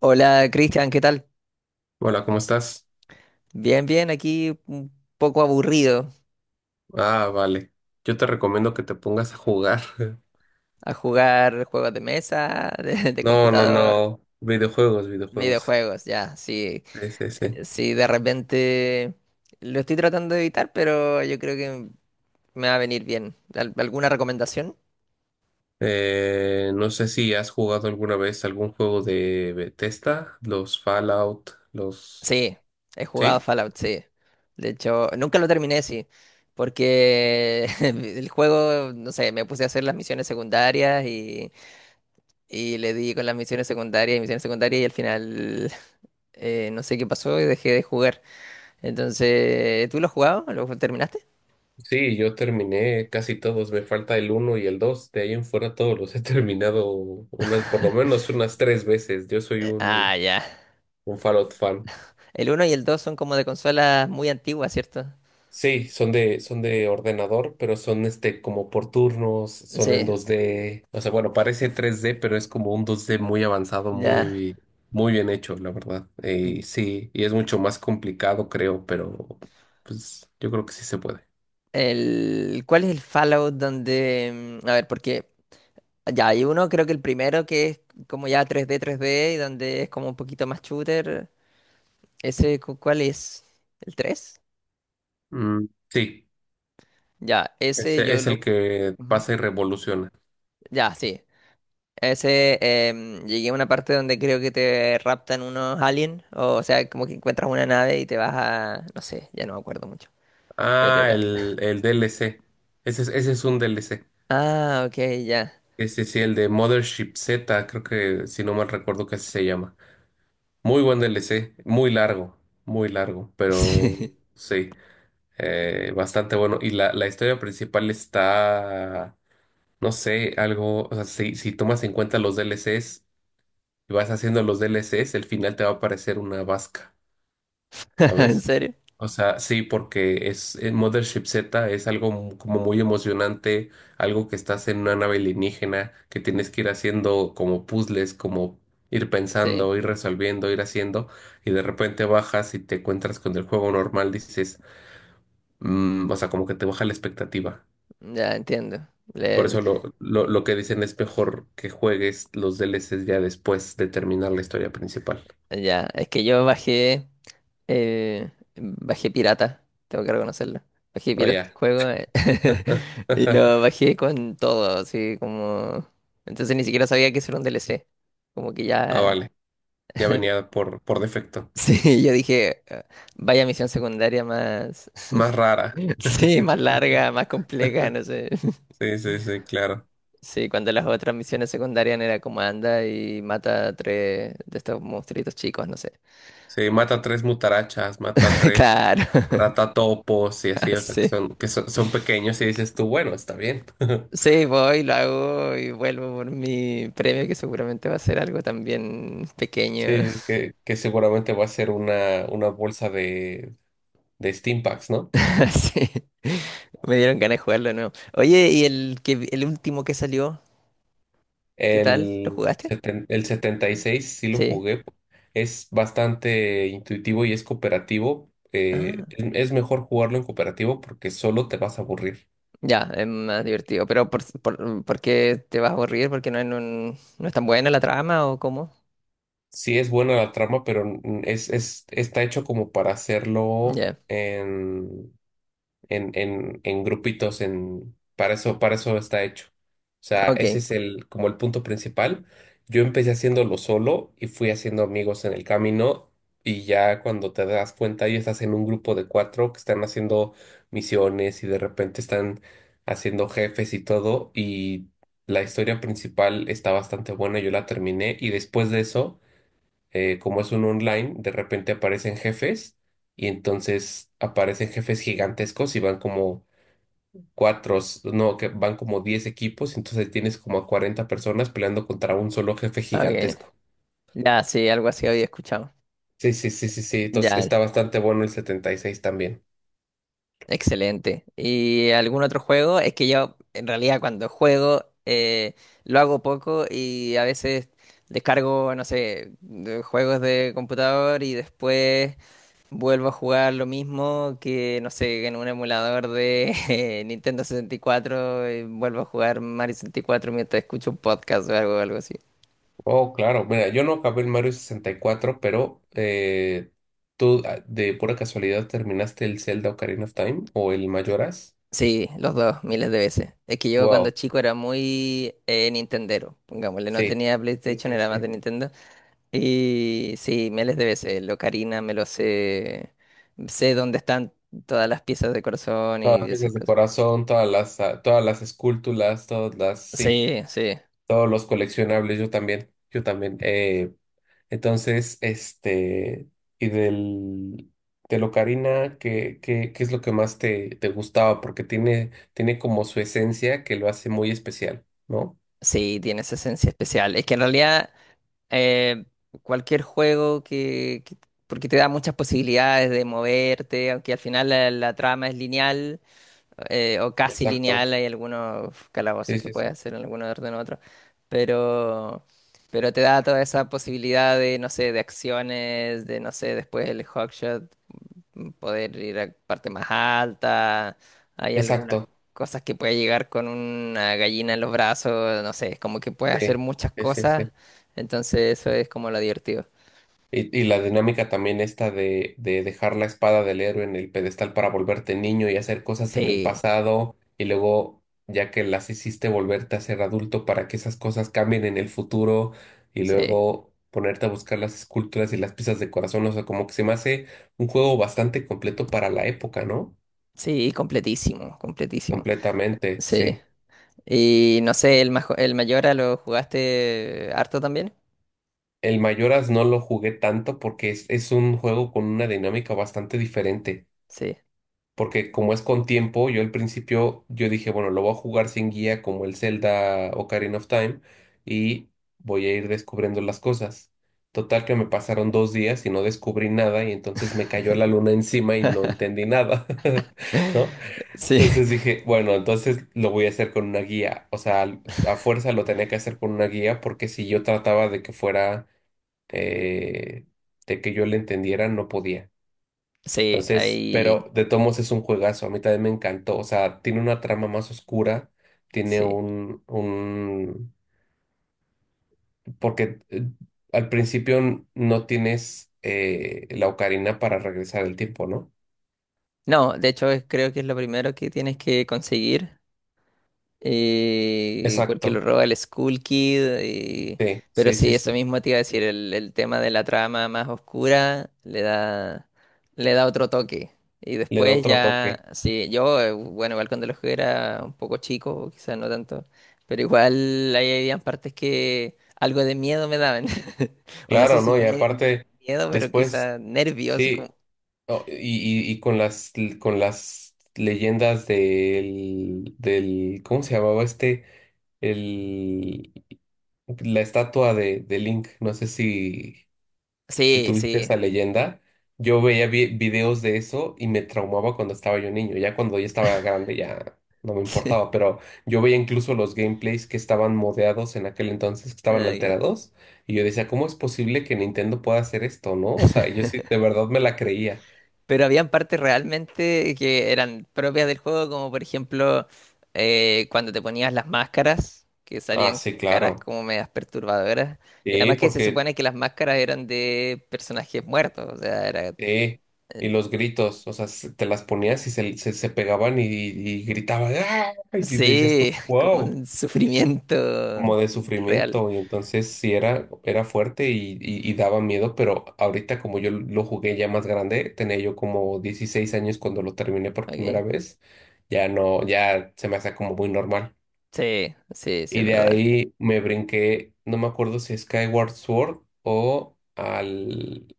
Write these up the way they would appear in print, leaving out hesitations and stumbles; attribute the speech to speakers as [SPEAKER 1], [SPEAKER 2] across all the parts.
[SPEAKER 1] Hola, Cristian, ¿qué tal?
[SPEAKER 2] Hola, ¿cómo estás?
[SPEAKER 1] Bien, bien, aquí un poco aburrido
[SPEAKER 2] Ah, vale. Yo te recomiendo que te pongas a jugar.
[SPEAKER 1] a jugar juegos de mesa, de
[SPEAKER 2] No, no,
[SPEAKER 1] computador,
[SPEAKER 2] no. Videojuegos, videojuegos.
[SPEAKER 1] videojuegos, ya, sí,
[SPEAKER 2] Sí, sí, sí.
[SPEAKER 1] sí, de repente lo estoy tratando de evitar, pero yo creo que me va a venir bien. ¿Alguna recomendación?
[SPEAKER 2] No sé si has jugado alguna vez algún juego de Bethesda, los Fallout, los.
[SPEAKER 1] Sí, he jugado
[SPEAKER 2] Sí,
[SPEAKER 1] Fallout, sí. De hecho, nunca lo terminé, sí, porque el juego, no sé, me puse a hacer las misiones secundarias y... Y le di con las misiones secundarias y al final, no sé qué pasó y dejé de jugar. Entonces, ¿tú lo has jugado? ¿Lo terminaste?
[SPEAKER 2] sí, yo terminé casi todos. Me falta el 1 y el 2. De ahí en fuera todos los he terminado unas, por lo menos unas tres veces. Yo soy
[SPEAKER 1] Ah,
[SPEAKER 2] un,
[SPEAKER 1] ya.
[SPEAKER 2] un Fallout fan.
[SPEAKER 1] El uno y el 2 son como de consolas muy antiguas, ¿cierto?
[SPEAKER 2] Sí, son de ordenador, pero son este como por turnos, son en
[SPEAKER 1] Sí,
[SPEAKER 2] 2D. O sea, bueno, parece 3D, pero es como un 2D muy avanzado,
[SPEAKER 1] ya.
[SPEAKER 2] muy, muy bien hecho, la verdad. Sí, y es mucho más complicado, creo, pero pues yo creo que sí se puede.
[SPEAKER 1] El, ¿cuál es el Fallout donde... a ver, porque... Ya, hay uno, creo que el primero que es como ya 3D, 3D, y donde es como un poquito más shooter. ¿Ese Cuál es? ¿El tres?
[SPEAKER 2] Mm, sí,
[SPEAKER 1] Ya, ese
[SPEAKER 2] ese
[SPEAKER 1] yo
[SPEAKER 2] es
[SPEAKER 1] lo...
[SPEAKER 2] el que
[SPEAKER 1] Ujú.
[SPEAKER 2] pasa y revoluciona.
[SPEAKER 1] Ya, sí. Ese, llegué a una parte donde creo que te raptan unos aliens, o sea, como que encuentras una nave y te vas a, no sé, ya no me acuerdo mucho, pero
[SPEAKER 2] Ah,
[SPEAKER 1] era...
[SPEAKER 2] el DLC. Ese es un DLC.
[SPEAKER 1] Ah, ok, ya.
[SPEAKER 2] Ese sí, el de Mothership Z, creo que si no mal recuerdo que así se llama. Muy buen DLC, muy largo, pero
[SPEAKER 1] Sí.
[SPEAKER 2] sí, bastante bueno. Y la historia principal está, no sé, algo. O sea, si tomas en cuenta los DLCs y vas haciendo los DLCs, el final te va a parecer una vasca,
[SPEAKER 1] ¿En
[SPEAKER 2] ¿sabes?
[SPEAKER 1] serio?
[SPEAKER 2] O sea, sí, porque es Mothership Z es algo como muy emocionante, algo que estás en una nave alienígena, que tienes que ir haciendo como puzzles, como ir
[SPEAKER 1] Sí,
[SPEAKER 2] pensando, ir resolviendo, ir haciendo, y de repente bajas y te encuentras con el juego normal, dices, "Mm", o sea, como que te baja la expectativa.
[SPEAKER 1] ya entiendo.
[SPEAKER 2] Por
[SPEAKER 1] Le-
[SPEAKER 2] eso lo que dicen es mejor que juegues los DLCs ya después de terminar la historia principal.
[SPEAKER 1] ya, es que yo bajé, bajé pirata, tengo que reconocerlo. Bajé
[SPEAKER 2] O
[SPEAKER 1] pirata el
[SPEAKER 2] ya.
[SPEAKER 1] juego, y lo bajé con todo, así como... Entonces ni siquiera sabía que eso era un DLC, como que
[SPEAKER 2] Ah,
[SPEAKER 1] ya...
[SPEAKER 2] vale. Ya venía por defecto.
[SPEAKER 1] Sí, yo dije, "Ah, vaya misión secundaria más,
[SPEAKER 2] Más rara.
[SPEAKER 1] sí, más larga, más compleja, no sé."
[SPEAKER 2] Sí, sí, sí, claro.
[SPEAKER 1] Sí, cuando las otras misiones secundarias era como anda y mata a tres de estos monstruitos chicos, no sé.
[SPEAKER 2] Sí, mata tres mutarachas, mata tres
[SPEAKER 1] Claro,
[SPEAKER 2] ratatopos y así, o sea, que
[SPEAKER 1] sí.
[SPEAKER 2] son, que son, son pequeños y dices tú, bueno, está bien.
[SPEAKER 1] Sí, voy, lo hago y vuelvo por mi premio, que seguramente va a ser algo también pequeño.
[SPEAKER 2] Sí, que seguramente va a ser una bolsa de Steam Packs, ¿no?
[SPEAKER 1] Sí, me dieron ganas de jugarlo. No, oye, ¿y el que, el último que salió? ¿Qué tal? ¿Lo
[SPEAKER 2] El,
[SPEAKER 1] jugaste?
[SPEAKER 2] seten- el 76 sí lo
[SPEAKER 1] Sí.
[SPEAKER 2] jugué. Es bastante intuitivo y es cooperativo. eh,
[SPEAKER 1] Ah,
[SPEAKER 2] es es mejor jugarlo en cooperativo porque solo te vas a aburrir.
[SPEAKER 1] ya, es más divertido. Pero ¿por qué te vas a aburrir? ¿Porque no, no es tan buena la trama, o cómo?
[SPEAKER 2] Sí es buena la trama, pero está hecho como para hacerlo
[SPEAKER 1] Ya,
[SPEAKER 2] en grupitos, para eso está hecho. O sea, ese
[SPEAKER 1] ok,
[SPEAKER 2] es como el punto principal. Yo empecé haciéndolo solo y fui haciendo amigos en el camino, y ya cuando te das cuenta ya estás en un grupo de cuatro que están haciendo misiones, y de repente están haciendo jefes y todo. Y la historia principal está bastante buena. Yo la terminé y después de eso, como es un online, de repente aparecen jefes, y entonces aparecen jefes gigantescos y van como cuatro, no, que van como 10 equipos. Entonces tienes como a 40 personas peleando contra un solo jefe
[SPEAKER 1] ok.
[SPEAKER 2] gigantesco.
[SPEAKER 1] Ya, sí, algo así había escuchado.
[SPEAKER 2] Sí, sí, sí, sí, sí, entonces
[SPEAKER 1] Ya,
[SPEAKER 2] está bastante bueno el 76 también.
[SPEAKER 1] excelente. ¿Y algún otro juego? Es que yo en realidad cuando juego, lo hago poco y a veces descargo, no sé, de juegos de computador y después vuelvo a jugar lo mismo que, no sé, en un emulador de Nintendo 64 y cuatro, y vuelvo a jugar Mario 64 mientras escucho un podcast o algo, algo así.
[SPEAKER 2] Oh, claro, mira, yo no acabé el Mario 64, pero ¿tú de pura casualidad terminaste el Zelda Ocarina of Time o el Majora's?
[SPEAKER 1] Sí, los dos, miles de veces. Es que yo cuando
[SPEAKER 2] Wow,
[SPEAKER 1] chico era muy, Nintendero, pongámosle, no
[SPEAKER 2] sí.
[SPEAKER 1] tenía
[SPEAKER 2] Sí,
[SPEAKER 1] PlayStation,
[SPEAKER 2] sí,
[SPEAKER 1] era más
[SPEAKER 2] sí.
[SPEAKER 1] de Nintendo. Y sí, miles de veces. Lo Ocarina me lo sé. Sé dónde están todas las piezas de corazón
[SPEAKER 2] Todas
[SPEAKER 1] y
[SPEAKER 2] las
[SPEAKER 1] esas
[SPEAKER 2] piezas de
[SPEAKER 1] cosas.
[SPEAKER 2] corazón, todas las esculturas, sí,
[SPEAKER 1] Sí, sí.
[SPEAKER 2] todos los coleccionables, yo también, yo también. Entonces, y de Locarina, ¿qué es lo que más te gustaba? Porque tiene como su esencia que lo hace muy especial, ¿no?
[SPEAKER 1] Sí, tiene esa esencia especial. Es que en realidad, eh, cualquier juego que- Porque te da muchas posibilidades de moverte, aunque al final la trama es lineal, o casi
[SPEAKER 2] Exacto,
[SPEAKER 1] lineal, hay algunos
[SPEAKER 2] sí,
[SPEAKER 1] calabozos que
[SPEAKER 2] sí,
[SPEAKER 1] puedes
[SPEAKER 2] sí.
[SPEAKER 1] hacer en alguno orden u otro, pero, pero te da toda esa posibilidad de, no sé, de acciones, de, no sé, después el hookshot, poder ir a parte más alta, hay algunas
[SPEAKER 2] Exacto,
[SPEAKER 1] cosas que puedes llegar con una gallina en los brazos, no sé, es como que puedes
[SPEAKER 2] sí,
[SPEAKER 1] hacer muchas
[SPEAKER 2] sí, sí,
[SPEAKER 1] cosas,
[SPEAKER 2] sí.
[SPEAKER 1] entonces eso es como lo divertido.
[SPEAKER 2] Y la dinámica también esta de dejar la espada del héroe en el pedestal para volverte niño y hacer cosas en el
[SPEAKER 1] Sí,
[SPEAKER 2] pasado y luego, ya que las hiciste, volverte a ser adulto para que esas cosas cambien en el futuro, y
[SPEAKER 1] sí,
[SPEAKER 2] luego ponerte a buscar las esculturas y las piezas de corazón. O sea, como que se me hace un juego bastante completo para la época, ¿no?
[SPEAKER 1] sí, completísimo, completísimo.
[SPEAKER 2] Completamente,
[SPEAKER 1] Sí.
[SPEAKER 2] sí.
[SPEAKER 1] Y no sé, el, el Mayora lo jugaste harto también.
[SPEAKER 2] El Mayoras no lo jugué tanto porque es un juego con una dinámica bastante diferente.
[SPEAKER 1] Sí,
[SPEAKER 2] Porque como es con tiempo, yo al principio yo dije, bueno, lo voy a jugar sin guía como el Zelda Ocarina of Time y voy a ir descubriendo las cosas. Total que me pasaron 2 días y no descubrí nada, y entonces me cayó la luna encima y no entendí nada, ¿no?
[SPEAKER 1] sí,
[SPEAKER 2] Entonces dije, bueno, entonces lo voy a hacer con una guía. O sea, a fuerza lo tenía que hacer con una guía porque si yo trataba de que fuera, eh, de que yo le entendiera, no podía.
[SPEAKER 1] sí,
[SPEAKER 2] Entonces,
[SPEAKER 1] ahí,
[SPEAKER 2] pero de todos modos es un juegazo, a mí también me encantó, o sea, tiene una trama más oscura, tiene
[SPEAKER 1] sí.
[SPEAKER 2] un, un, porque al principio no tienes la ocarina para regresar el tiempo, ¿no?
[SPEAKER 1] No, de hecho es- creo que es lo primero que tienes que conseguir, porque lo
[SPEAKER 2] Exacto,
[SPEAKER 1] roba el Skull Kid.
[SPEAKER 2] sí,
[SPEAKER 1] Pero
[SPEAKER 2] sí, sí,
[SPEAKER 1] sí, eso
[SPEAKER 2] sí,
[SPEAKER 1] mismo te iba a decir, el tema de la trama más oscura le da otro toque. Y
[SPEAKER 2] le da
[SPEAKER 1] después
[SPEAKER 2] otro
[SPEAKER 1] ya,
[SPEAKER 2] toque,
[SPEAKER 1] sí, yo, bueno, igual cuando lo jugué era un poco chico, quizás no tanto, pero igual ahí habían partes que algo de miedo me daban. O no sé
[SPEAKER 2] claro,
[SPEAKER 1] si
[SPEAKER 2] ¿no? Y aparte,
[SPEAKER 1] miedo, pero
[SPEAKER 2] después,
[SPEAKER 1] quizás nervios.
[SPEAKER 2] sí,
[SPEAKER 1] Como-
[SPEAKER 2] oh, y con las leyendas del ¿cómo se llamaba este? El, la estatua de Link. No sé si
[SPEAKER 1] sí,
[SPEAKER 2] tuviste
[SPEAKER 1] sí.
[SPEAKER 2] esa leyenda. Yo veía videos de eso y me traumaba cuando estaba yo niño. Ya cuando ya estaba grande ya no me importaba, pero yo veía incluso los gameplays que estaban modeados en aquel entonces, que estaban
[SPEAKER 1] Ah, ok.
[SPEAKER 2] alterados, y yo decía, ¿cómo es posible que Nintendo pueda hacer esto, no? O sea, yo sí, de verdad me la creía.
[SPEAKER 1] Pero habían partes realmente que eran propias del juego, como por ejemplo, cuando te ponías las máscaras, que
[SPEAKER 2] Ah,
[SPEAKER 1] salían
[SPEAKER 2] sí,
[SPEAKER 1] caras
[SPEAKER 2] claro.
[SPEAKER 1] como medias perturbadoras. Y
[SPEAKER 2] Sí,
[SPEAKER 1] además que se
[SPEAKER 2] porque
[SPEAKER 1] supone que las máscaras eran de personajes muertos, o sea, era, eh,
[SPEAKER 2] sí, y los gritos, o sea, te las ponías y se pegaban y gritaban, ¡ah! Y te decías tú,
[SPEAKER 1] sí, como
[SPEAKER 2] wow,
[SPEAKER 1] un sufrimiento
[SPEAKER 2] como de
[SPEAKER 1] real.
[SPEAKER 2] sufrimiento. Y entonces sí era fuerte y daba miedo, pero ahorita como yo lo jugué ya más grande, tenía yo como 16 años cuando lo terminé por
[SPEAKER 1] Ok.
[SPEAKER 2] primera vez, ya no, ya se me hace como muy normal.
[SPEAKER 1] Sí, sí, sí, es
[SPEAKER 2] Y de
[SPEAKER 1] verdad.
[SPEAKER 2] ahí me brinqué, no me acuerdo si Skyward Sword o al,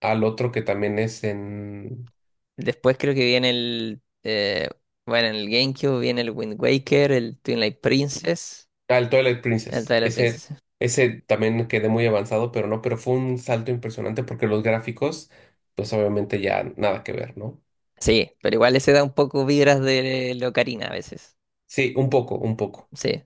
[SPEAKER 2] al otro que también es en.
[SPEAKER 1] Después creo que viene el, bueno, en el GameCube viene el Wind Waker, el Twilight Princess,
[SPEAKER 2] Ah, el Twilight
[SPEAKER 1] el
[SPEAKER 2] Princess.
[SPEAKER 1] Twilight
[SPEAKER 2] Ese,
[SPEAKER 1] Princess.
[SPEAKER 2] ese también quedé muy avanzado, pero no, pero fue un salto impresionante porque los gráficos, pues obviamente ya nada que ver, ¿no?
[SPEAKER 1] Sí, pero igual ese da un poco vibras de la ocarina a veces.
[SPEAKER 2] Sí, un poco, un poco.
[SPEAKER 1] Sí.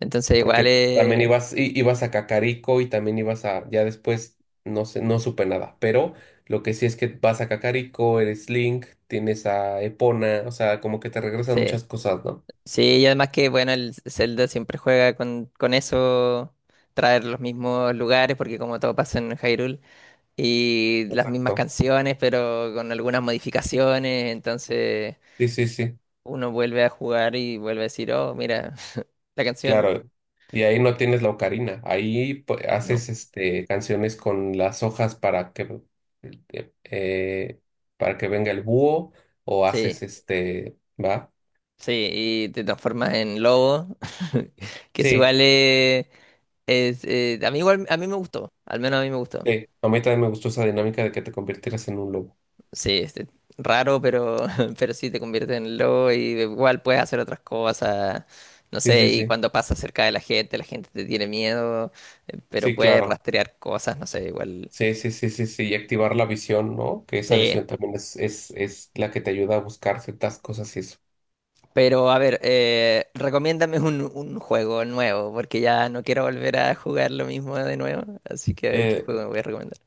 [SPEAKER 1] Entonces igual,
[SPEAKER 2] Porque también ibas, ibas a Cacarico y también ibas a, ya después, no sé, no supe nada. Pero lo que sí es que vas a Cacarico, eres Link, tienes a Epona, o sea, como que te regresan
[SPEAKER 1] sí.
[SPEAKER 2] muchas cosas, ¿no?
[SPEAKER 1] Sí, y además que bueno, el Zelda siempre juega con eso, traer los mismos lugares, porque como todo pasa en Hyrule, y las mismas
[SPEAKER 2] Exacto.
[SPEAKER 1] canciones, pero con algunas modificaciones, entonces
[SPEAKER 2] Sí, sí, sí.
[SPEAKER 1] uno vuelve a jugar y vuelve a decir, oh, mira, la canción,
[SPEAKER 2] Claro, y ahí no tienes la ocarina, ahí
[SPEAKER 1] no.
[SPEAKER 2] haces canciones con las hojas para que eh, eh, venga el búho o
[SPEAKER 1] Sí,
[SPEAKER 2] haces este, ¿va?
[SPEAKER 1] sí, y te transformas en lobo, que es
[SPEAKER 2] Sí,
[SPEAKER 1] igual... Es, a mí igual, a mí me gustó, al menos a mí me gustó.
[SPEAKER 2] sí. A mí también me gustó esa dinámica de que te convirtieras en un lobo.
[SPEAKER 1] Sí, este, raro, pero, pero sí te convierte en lobo y igual puedes hacer otras cosas, no
[SPEAKER 2] Sí,
[SPEAKER 1] sé,
[SPEAKER 2] sí,
[SPEAKER 1] y
[SPEAKER 2] sí.
[SPEAKER 1] cuando pasas cerca de la gente te tiene miedo, pero
[SPEAKER 2] Sí,
[SPEAKER 1] puedes
[SPEAKER 2] claro.
[SPEAKER 1] rastrear cosas, no sé, igual.
[SPEAKER 2] Sí, sí, sí, sí, sí. Y activar la visión, ¿no? Que esa
[SPEAKER 1] Sí,
[SPEAKER 2] visión también es la que te ayuda a buscar ciertas cosas y eso.
[SPEAKER 1] pero a ver, recomiéndame un juego nuevo, porque ya no quiero volver a jugar lo mismo de nuevo, así que a ver qué
[SPEAKER 2] Eh,
[SPEAKER 1] juego me voy a recomendar.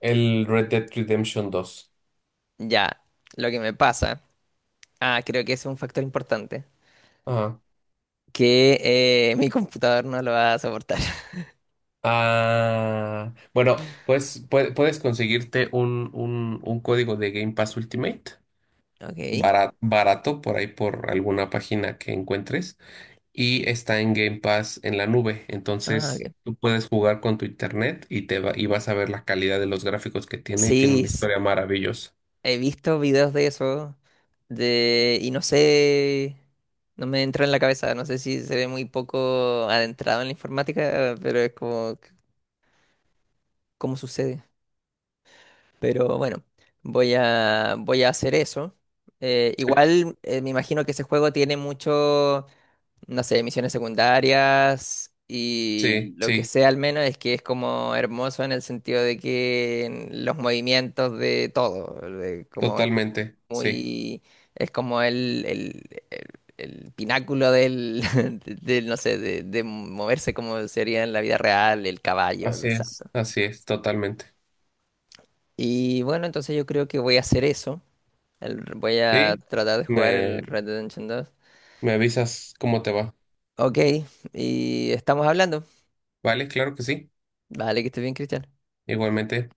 [SPEAKER 2] el Red Dead Redemption 2.
[SPEAKER 1] Ya, lo que me pasa, ah, creo que es un factor importante.
[SPEAKER 2] Ajá.
[SPEAKER 1] Que mi computador no lo va a soportar.
[SPEAKER 2] Ah, bueno, pues puedes conseguirte un código de Game Pass Ultimate
[SPEAKER 1] Ok.
[SPEAKER 2] barato, por ahí por alguna página que encuentres y está en Game Pass en la nube.
[SPEAKER 1] Ah,
[SPEAKER 2] Entonces
[SPEAKER 1] ok.
[SPEAKER 2] tú puedes jugar con tu internet y vas a ver la calidad de los gráficos que tiene y tiene
[SPEAKER 1] Sí,
[SPEAKER 2] una historia maravillosa.
[SPEAKER 1] he visto videos de eso de, y no sé, no me entra en la cabeza, no sé si se ve muy poco adentrado en la informática, pero es como cómo sucede. Pero bueno, voy a hacer eso.
[SPEAKER 2] Sí,
[SPEAKER 1] Igual, me imagino que ese juego tiene mucho, no sé, misiones secundarias y
[SPEAKER 2] sí,
[SPEAKER 1] lo que
[SPEAKER 2] sí,
[SPEAKER 1] sé al menos es que es como hermoso en el sentido de que en los movimientos de todo, de como
[SPEAKER 2] totalmente, sí.
[SPEAKER 1] muy, es como el pináculo del, del, no sé, de moverse como sería en la vida real, el caballo, los saltos.
[SPEAKER 2] Así es, totalmente.
[SPEAKER 1] Y bueno, entonces yo creo que voy a hacer eso. El- voy a
[SPEAKER 2] Sí,
[SPEAKER 1] tratar de jugar
[SPEAKER 2] me,
[SPEAKER 1] el Red Dead Redemption 2.
[SPEAKER 2] me avisas cómo te va.
[SPEAKER 1] Ok, y estamos hablando.
[SPEAKER 2] Vale, claro que sí,
[SPEAKER 1] Vale, que estés bien, Cristian.
[SPEAKER 2] igualmente.